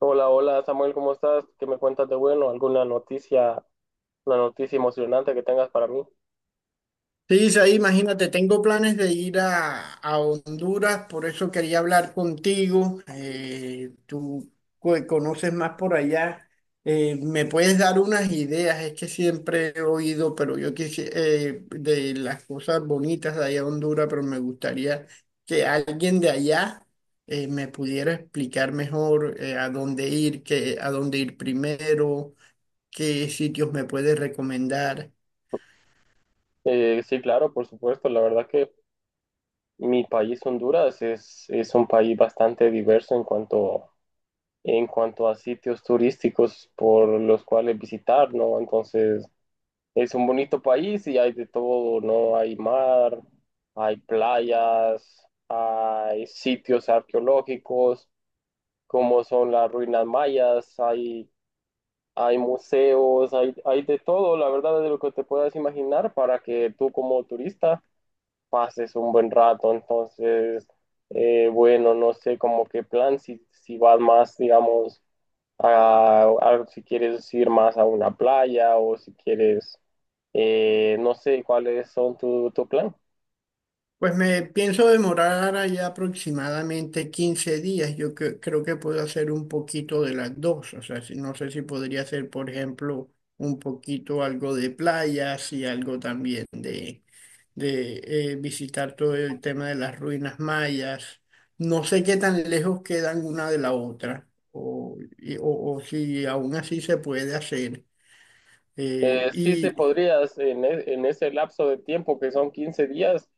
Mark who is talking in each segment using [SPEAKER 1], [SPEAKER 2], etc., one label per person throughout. [SPEAKER 1] Hola, hola Samuel, ¿cómo estás? ¿Qué me cuentas de bueno? ¿Alguna noticia, una noticia emocionante que tengas para mí?
[SPEAKER 2] Sí, Isaí, imagínate, tengo planes de ir a Honduras, por eso quería hablar contigo. Conoces más por allá. ¿Me puedes dar unas ideas? Es que siempre he oído, pero yo quisiera, de las cosas bonitas de allá a Honduras, pero me gustaría que alguien de allá me pudiera explicar mejor a dónde ir, a dónde ir primero, qué sitios me puedes recomendar.
[SPEAKER 1] Sí, claro, por supuesto. La verdad que mi país, Honduras, es un país bastante diverso en cuanto a sitios turísticos por los cuales visitar, ¿no? Entonces, es un bonito país y hay de todo, ¿no? Hay mar, hay playas, hay sitios arqueológicos, como son las ruinas mayas, hay museos, hay de todo, la verdad, de lo que te puedas imaginar para que tú como turista pases un buen rato. Entonces, bueno, no sé como qué plan, si vas más, digamos, si quieres ir más a una playa o si quieres, no sé cuáles son tu plan.
[SPEAKER 2] Pues me pienso demorar allá aproximadamente 15 días. Yo creo que puedo hacer un poquito de las dos. O sea, no sé si podría hacer, por ejemplo, un poquito algo de playas y algo también de visitar todo el tema de las ruinas mayas. No sé qué tan lejos quedan una de la otra o o si aún así se puede hacer. Eh,
[SPEAKER 1] Sí se
[SPEAKER 2] y...
[SPEAKER 1] podrías en ese lapso de tiempo que son 15 días,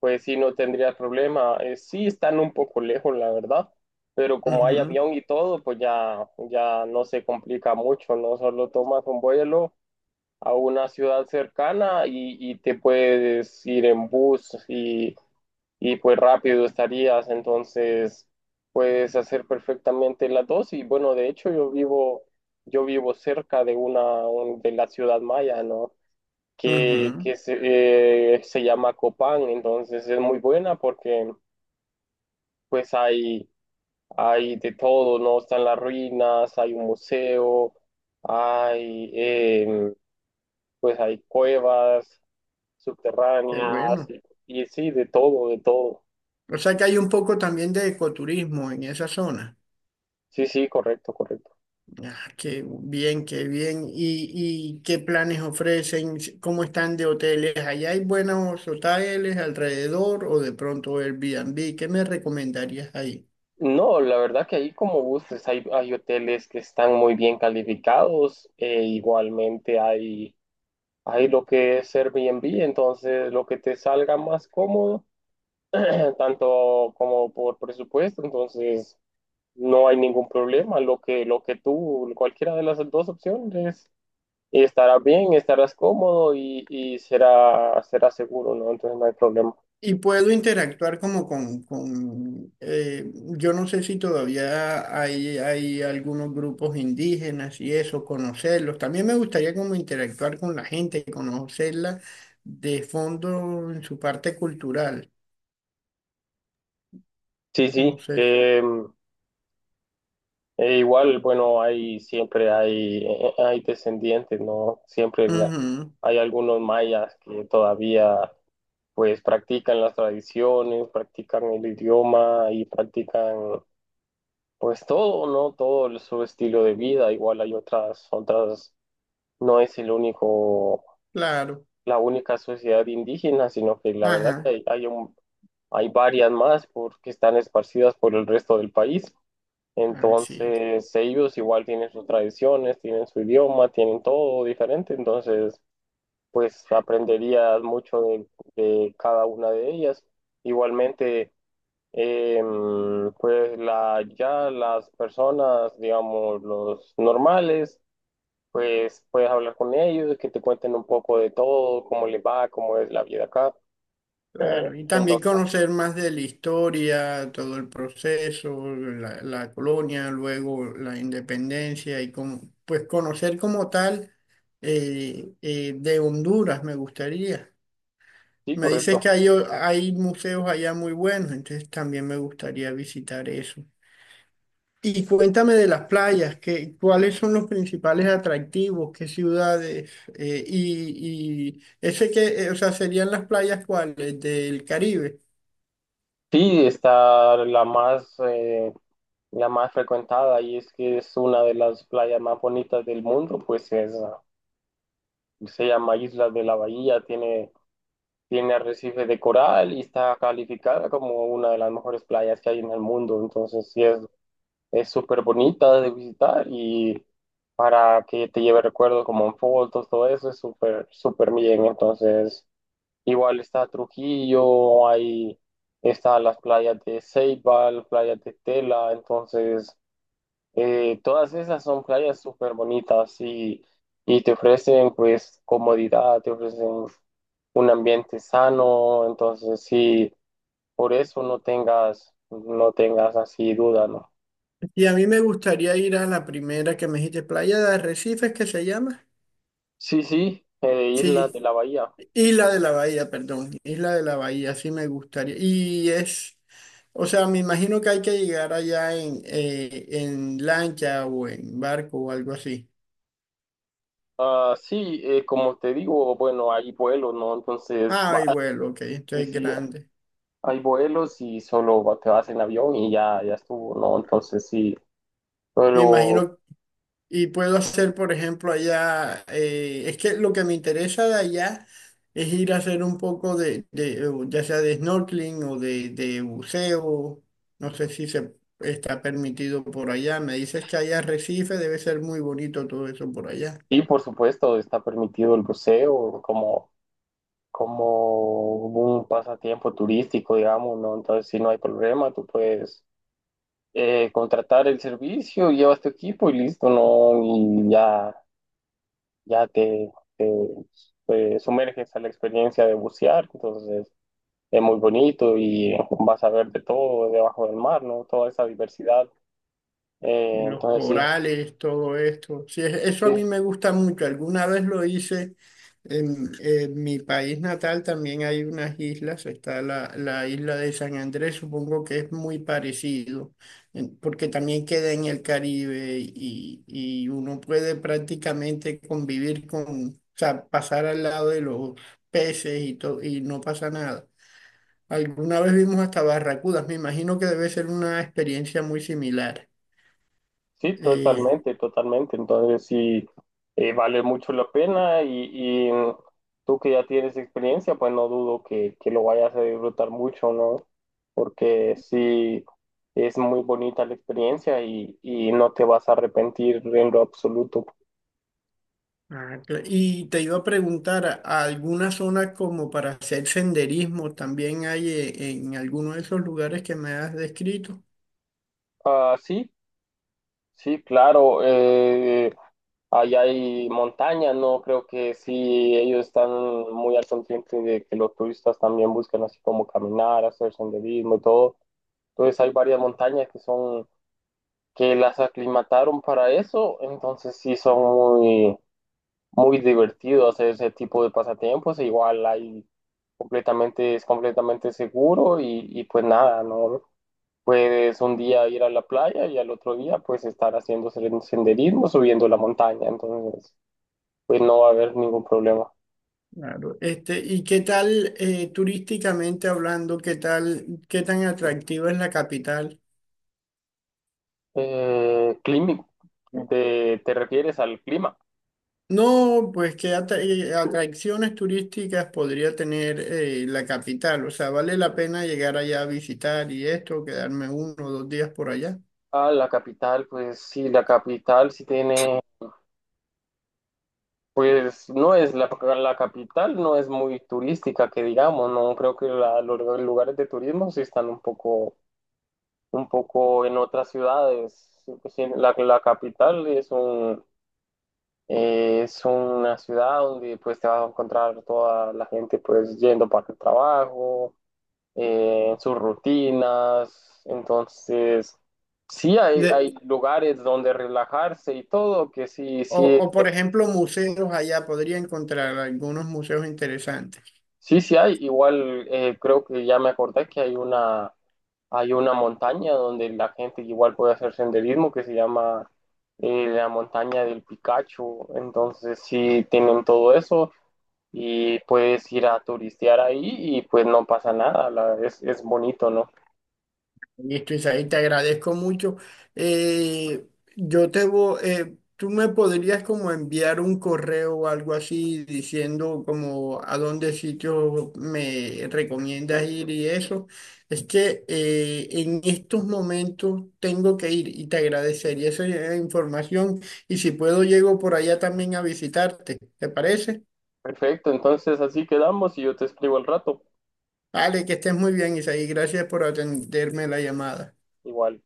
[SPEAKER 1] pues sí, no tendría problema. Sí están un poco lejos, la verdad, pero como hay
[SPEAKER 2] Ujú.
[SPEAKER 1] avión y todo, pues ya no se complica mucho, ¿no? Solo tomas un vuelo a una ciudad cercana y te puedes ir en bus y pues rápido estarías, entonces puedes hacer perfectamente las dos y bueno, de hecho yo vivo cerca de de la ciudad maya, ¿no?
[SPEAKER 2] Ujú.
[SPEAKER 1] Se llama Copán, entonces es muy buena porque pues hay de todo, ¿no? Están las ruinas, hay un museo, hay pues hay cuevas
[SPEAKER 2] Qué
[SPEAKER 1] subterráneas
[SPEAKER 2] bueno.
[SPEAKER 1] y sí, de todo, de todo.
[SPEAKER 2] O sea que hay un poco también de ecoturismo en esa zona.
[SPEAKER 1] Sí, sí, correcto, correcto.
[SPEAKER 2] Ah, qué bien, qué bien. Y qué planes ofrecen? ¿Cómo están de hoteles? ¿Allá hay buenos hoteles alrededor o de pronto Airbnb? ¿Qué me recomendarías ahí?
[SPEAKER 1] No, la verdad que ahí como gustes, hay hoteles que están muy bien calificados, e igualmente hay lo que es Airbnb, entonces lo que te salga más cómodo tanto como por presupuesto, entonces no hay ningún problema. Lo que tú, cualquiera de las dos opciones, estarás bien, estarás cómodo y será seguro, ¿no? Entonces no hay problema.
[SPEAKER 2] Y puedo interactuar como con yo no sé si todavía hay algunos grupos indígenas y eso, conocerlos. También me gustaría como interactuar con la gente, conocerla de fondo en su parte cultural.
[SPEAKER 1] Sí, sí.
[SPEAKER 2] No sé.
[SPEAKER 1] E igual, bueno, hay siempre hay, hay descendientes, ¿no?
[SPEAKER 2] Ujú.
[SPEAKER 1] Hay algunos mayas que todavía pues practican las tradiciones, practican el idioma y practican. Pues todo, ¿no? Su estilo de vida, igual hay otras, no es el único,
[SPEAKER 2] Claro.
[SPEAKER 1] la única sociedad indígena, sino que la verdad que
[SPEAKER 2] Ajá.
[SPEAKER 1] hay varias más porque están esparcidas por el resto del país.
[SPEAKER 2] Así es.
[SPEAKER 1] Entonces, ellos igual tienen sus tradiciones, tienen su idioma, tienen todo diferente. Entonces, pues aprenderías mucho de cada una de ellas. Igualmente. Pues la, ya las personas, digamos, los normales, pues puedes hablar con ellos, que te cuenten un poco de todo, cómo les va, cómo es la vida acá.
[SPEAKER 2] Claro, y también
[SPEAKER 1] Entonces,
[SPEAKER 2] conocer más de la historia, todo el proceso, la colonia, luego la independencia y como, pues conocer como tal de Honduras me gustaría.
[SPEAKER 1] sí,
[SPEAKER 2] Me dices
[SPEAKER 1] correcto.
[SPEAKER 2] que hay museos allá muy buenos, entonces también me gustaría visitar eso. Y cuéntame de las playas, que, ¿cuáles son los principales atractivos? ¿Qué ciudades? Y ese que, o sea, serían las playas cuáles del Caribe.
[SPEAKER 1] Sí, está la más frecuentada y es que es una de las playas más bonitas del mundo, pues es, ah, se llama Isla de la Bahía, tiene arrecife de coral y está calificada como una de las mejores playas que hay en el mundo. Entonces, sí, es súper bonita de visitar y para que te lleve recuerdos como en fotos, todo eso es súper, súper bien. Entonces, igual está Trujillo, hay, está las playas de Ceibal, playas de Tela. Entonces, todas esas son playas súper bonitas y te ofrecen pues comodidad, te ofrecen un ambiente sano, entonces sí, por eso no tengas así duda, ¿no?
[SPEAKER 2] Y a mí me gustaría ir a la primera que me dijiste, Playa de Arrecifes, que se llama.
[SPEAKER 1] Sí, sí, Islas
[SPEAKER 2] Sí,
[SPEAKER 1] de la Bahía.
[SPEAKER 2] Isla de la Bahía, perdón, Isla de la Bahía, sí me gustaría. Y es, o sea, me imagino que hay que llegar allá en lancha o en barco o algo así.
[SPEAKER 1] Ah, sí, como te digo, bueno, hay vuelos, ¿no? Entonces,
[SPEAKER 2] Ah,
[SPEAKER 1] va,
[SPEAKER 2] y vuelo, ok, esto
[SPEAKER 1] sí,
[SPEAKER 2] es
[SPEAKER 1] sí,
[SPEAKER 2] grande.
[SPEAKER 1] hay vuelos y te vas en avión y ya, ya estuvo, ¿no? Entonces, sí,
[SPEAKER 2] Me
[SPEAKER 1] pero
[SPEAKER 2] imagino. Y puedo hacer, por ejemplo, allá, es que lo que me interesa de allá es ir a hacer un poco de ya sea de snorkeling o de buceo. No sé si se está permitido por allá. Me dices que hay arrecife, debe ser muy bonito todo eso por allá.
[SPEAKER 1] sí, por supuesto, está permitido el buceo, como un pasatiempo turístico, digamos, ¿no? Entonces, si no hay problema, tú puedes contratar el servicio, llevas tu equipo y listo, ¿no? Y ya, ya te, te, pues, sumerges a la experiencia de bucear, entonces es muy bonito y vas a ver de todo debajo del mar, ¿no? Toda esa diversidad.
[SPEAKER 2] Y los
[SPEAKER 1] Entonces, sí.
[SPEAKER 2] corales, todo esto. Sí, eso a
[SPEAKER 1] sí.
[SPEAKER 2] mí me gusta mucho. Alguna vez lo hice en mi país natal, también hay unas islas, está la isla de San Andrés, supongo que es muy parecido, porque también queda en el Caribe y uno puede prácticamente convivir con, o sea, pasar al lado de los peces y no pasa nada. Alguna vez vimos hasta barracudas, me imagino que debe ser una experiencia muy similar.
[SPEAKER 1] Sí,
[SPEAKER 2] Eh,
[SPEAKER 1] totalmente, totalmente. Entonces sí, vale mucho la pena y tú que ya tienes experiencia, pues no dudo que lo vayas a disfrutar mucho, ¿no? Porque sí, es muy bonita la experiencia y no te vas a arrepentir en lo absoluto.
[SPEAKER 2] Ah, y te iba a preguntar, ¿alguna zona como para hacer senderismo también hay en alguno de esos lugares que me has descrito?
[SPEAKER 1] Ah, sí, sí, claro. Allá hay montaña, ¿no? Creo que sí, ellos están muy al consciente de que los turistas también buscan así como caminar, hacer senderismo y todo. Entonces hay varias montañas que las aclimataron para eso, entonces sí son muy, muy divertidos hacer ese tipo de pasatiempos, e igual hay completamente, es completamente seguro y pues nada, ¿no? Puedes un día ir a la playa y al otro día pues estar haciendo senderismo, subiendo la montaña, entonces pues no va a haber ningún problema.
[SPEAKER 2] Claro. Este, ¿y qué tal turísticamente hablando, qué tal, qué tan atractiva es la capital?
[SPEAKER 1] Eh, climi- te refieres al clima?
[SPEAKER 2] No, pues atracciones turísticas podría tener la capital. O sea, ¿vale la pena llegar allá a visitar y esto, quedarme 1 o 2 días por allá?
[SPEAKER 1] A la capital, pues sí, la capital sí tiene pues no es la capital, no es muy turística, que digamos, no creo que los lugares de turismo sí están un poco en otras ciudades. Sí, la capital es un, es una ciudad donde pues te vas a encontrar toda la gente pues yendo para el trabajo, sus rutinas, entonces sí hay lugares donde relajarse y todo, que sí, sí
[SPEAKER 2] Por ejemplo, museos allá, podría encontrar algunos museos interesantes.
[SPEAKER 1] sí, sí hay. Igual creo que ya me acordé que hay una montaña donde la gente igual puede hacer senderismo que se llama la montaña del Picacho. Entonces sí tienen todo eso y puedes ir a turistear ahí y pues no pasa nada. Es bonito, ¿no?
[SPEAKER 2] Listo, Isaí, te agradezco mucho. Eh, yo te voy, tú me podrías como enviar un correo o algo así diciendo como a dónde sitio me recomiendas ir y eso. Es que en estos momentos tengo que ir y te agradecería esa información y si puedo llego por allá también a visitarte. ¿Te parece?
[SPEAKER 1] Perfecto, entonces así quedamos y yo te escribo al rato.
[SPEAKER 2] Vale, que estés muy bien, Isaí. Gracias por atenderme la llamada.
[SPEAKER 1] Igual.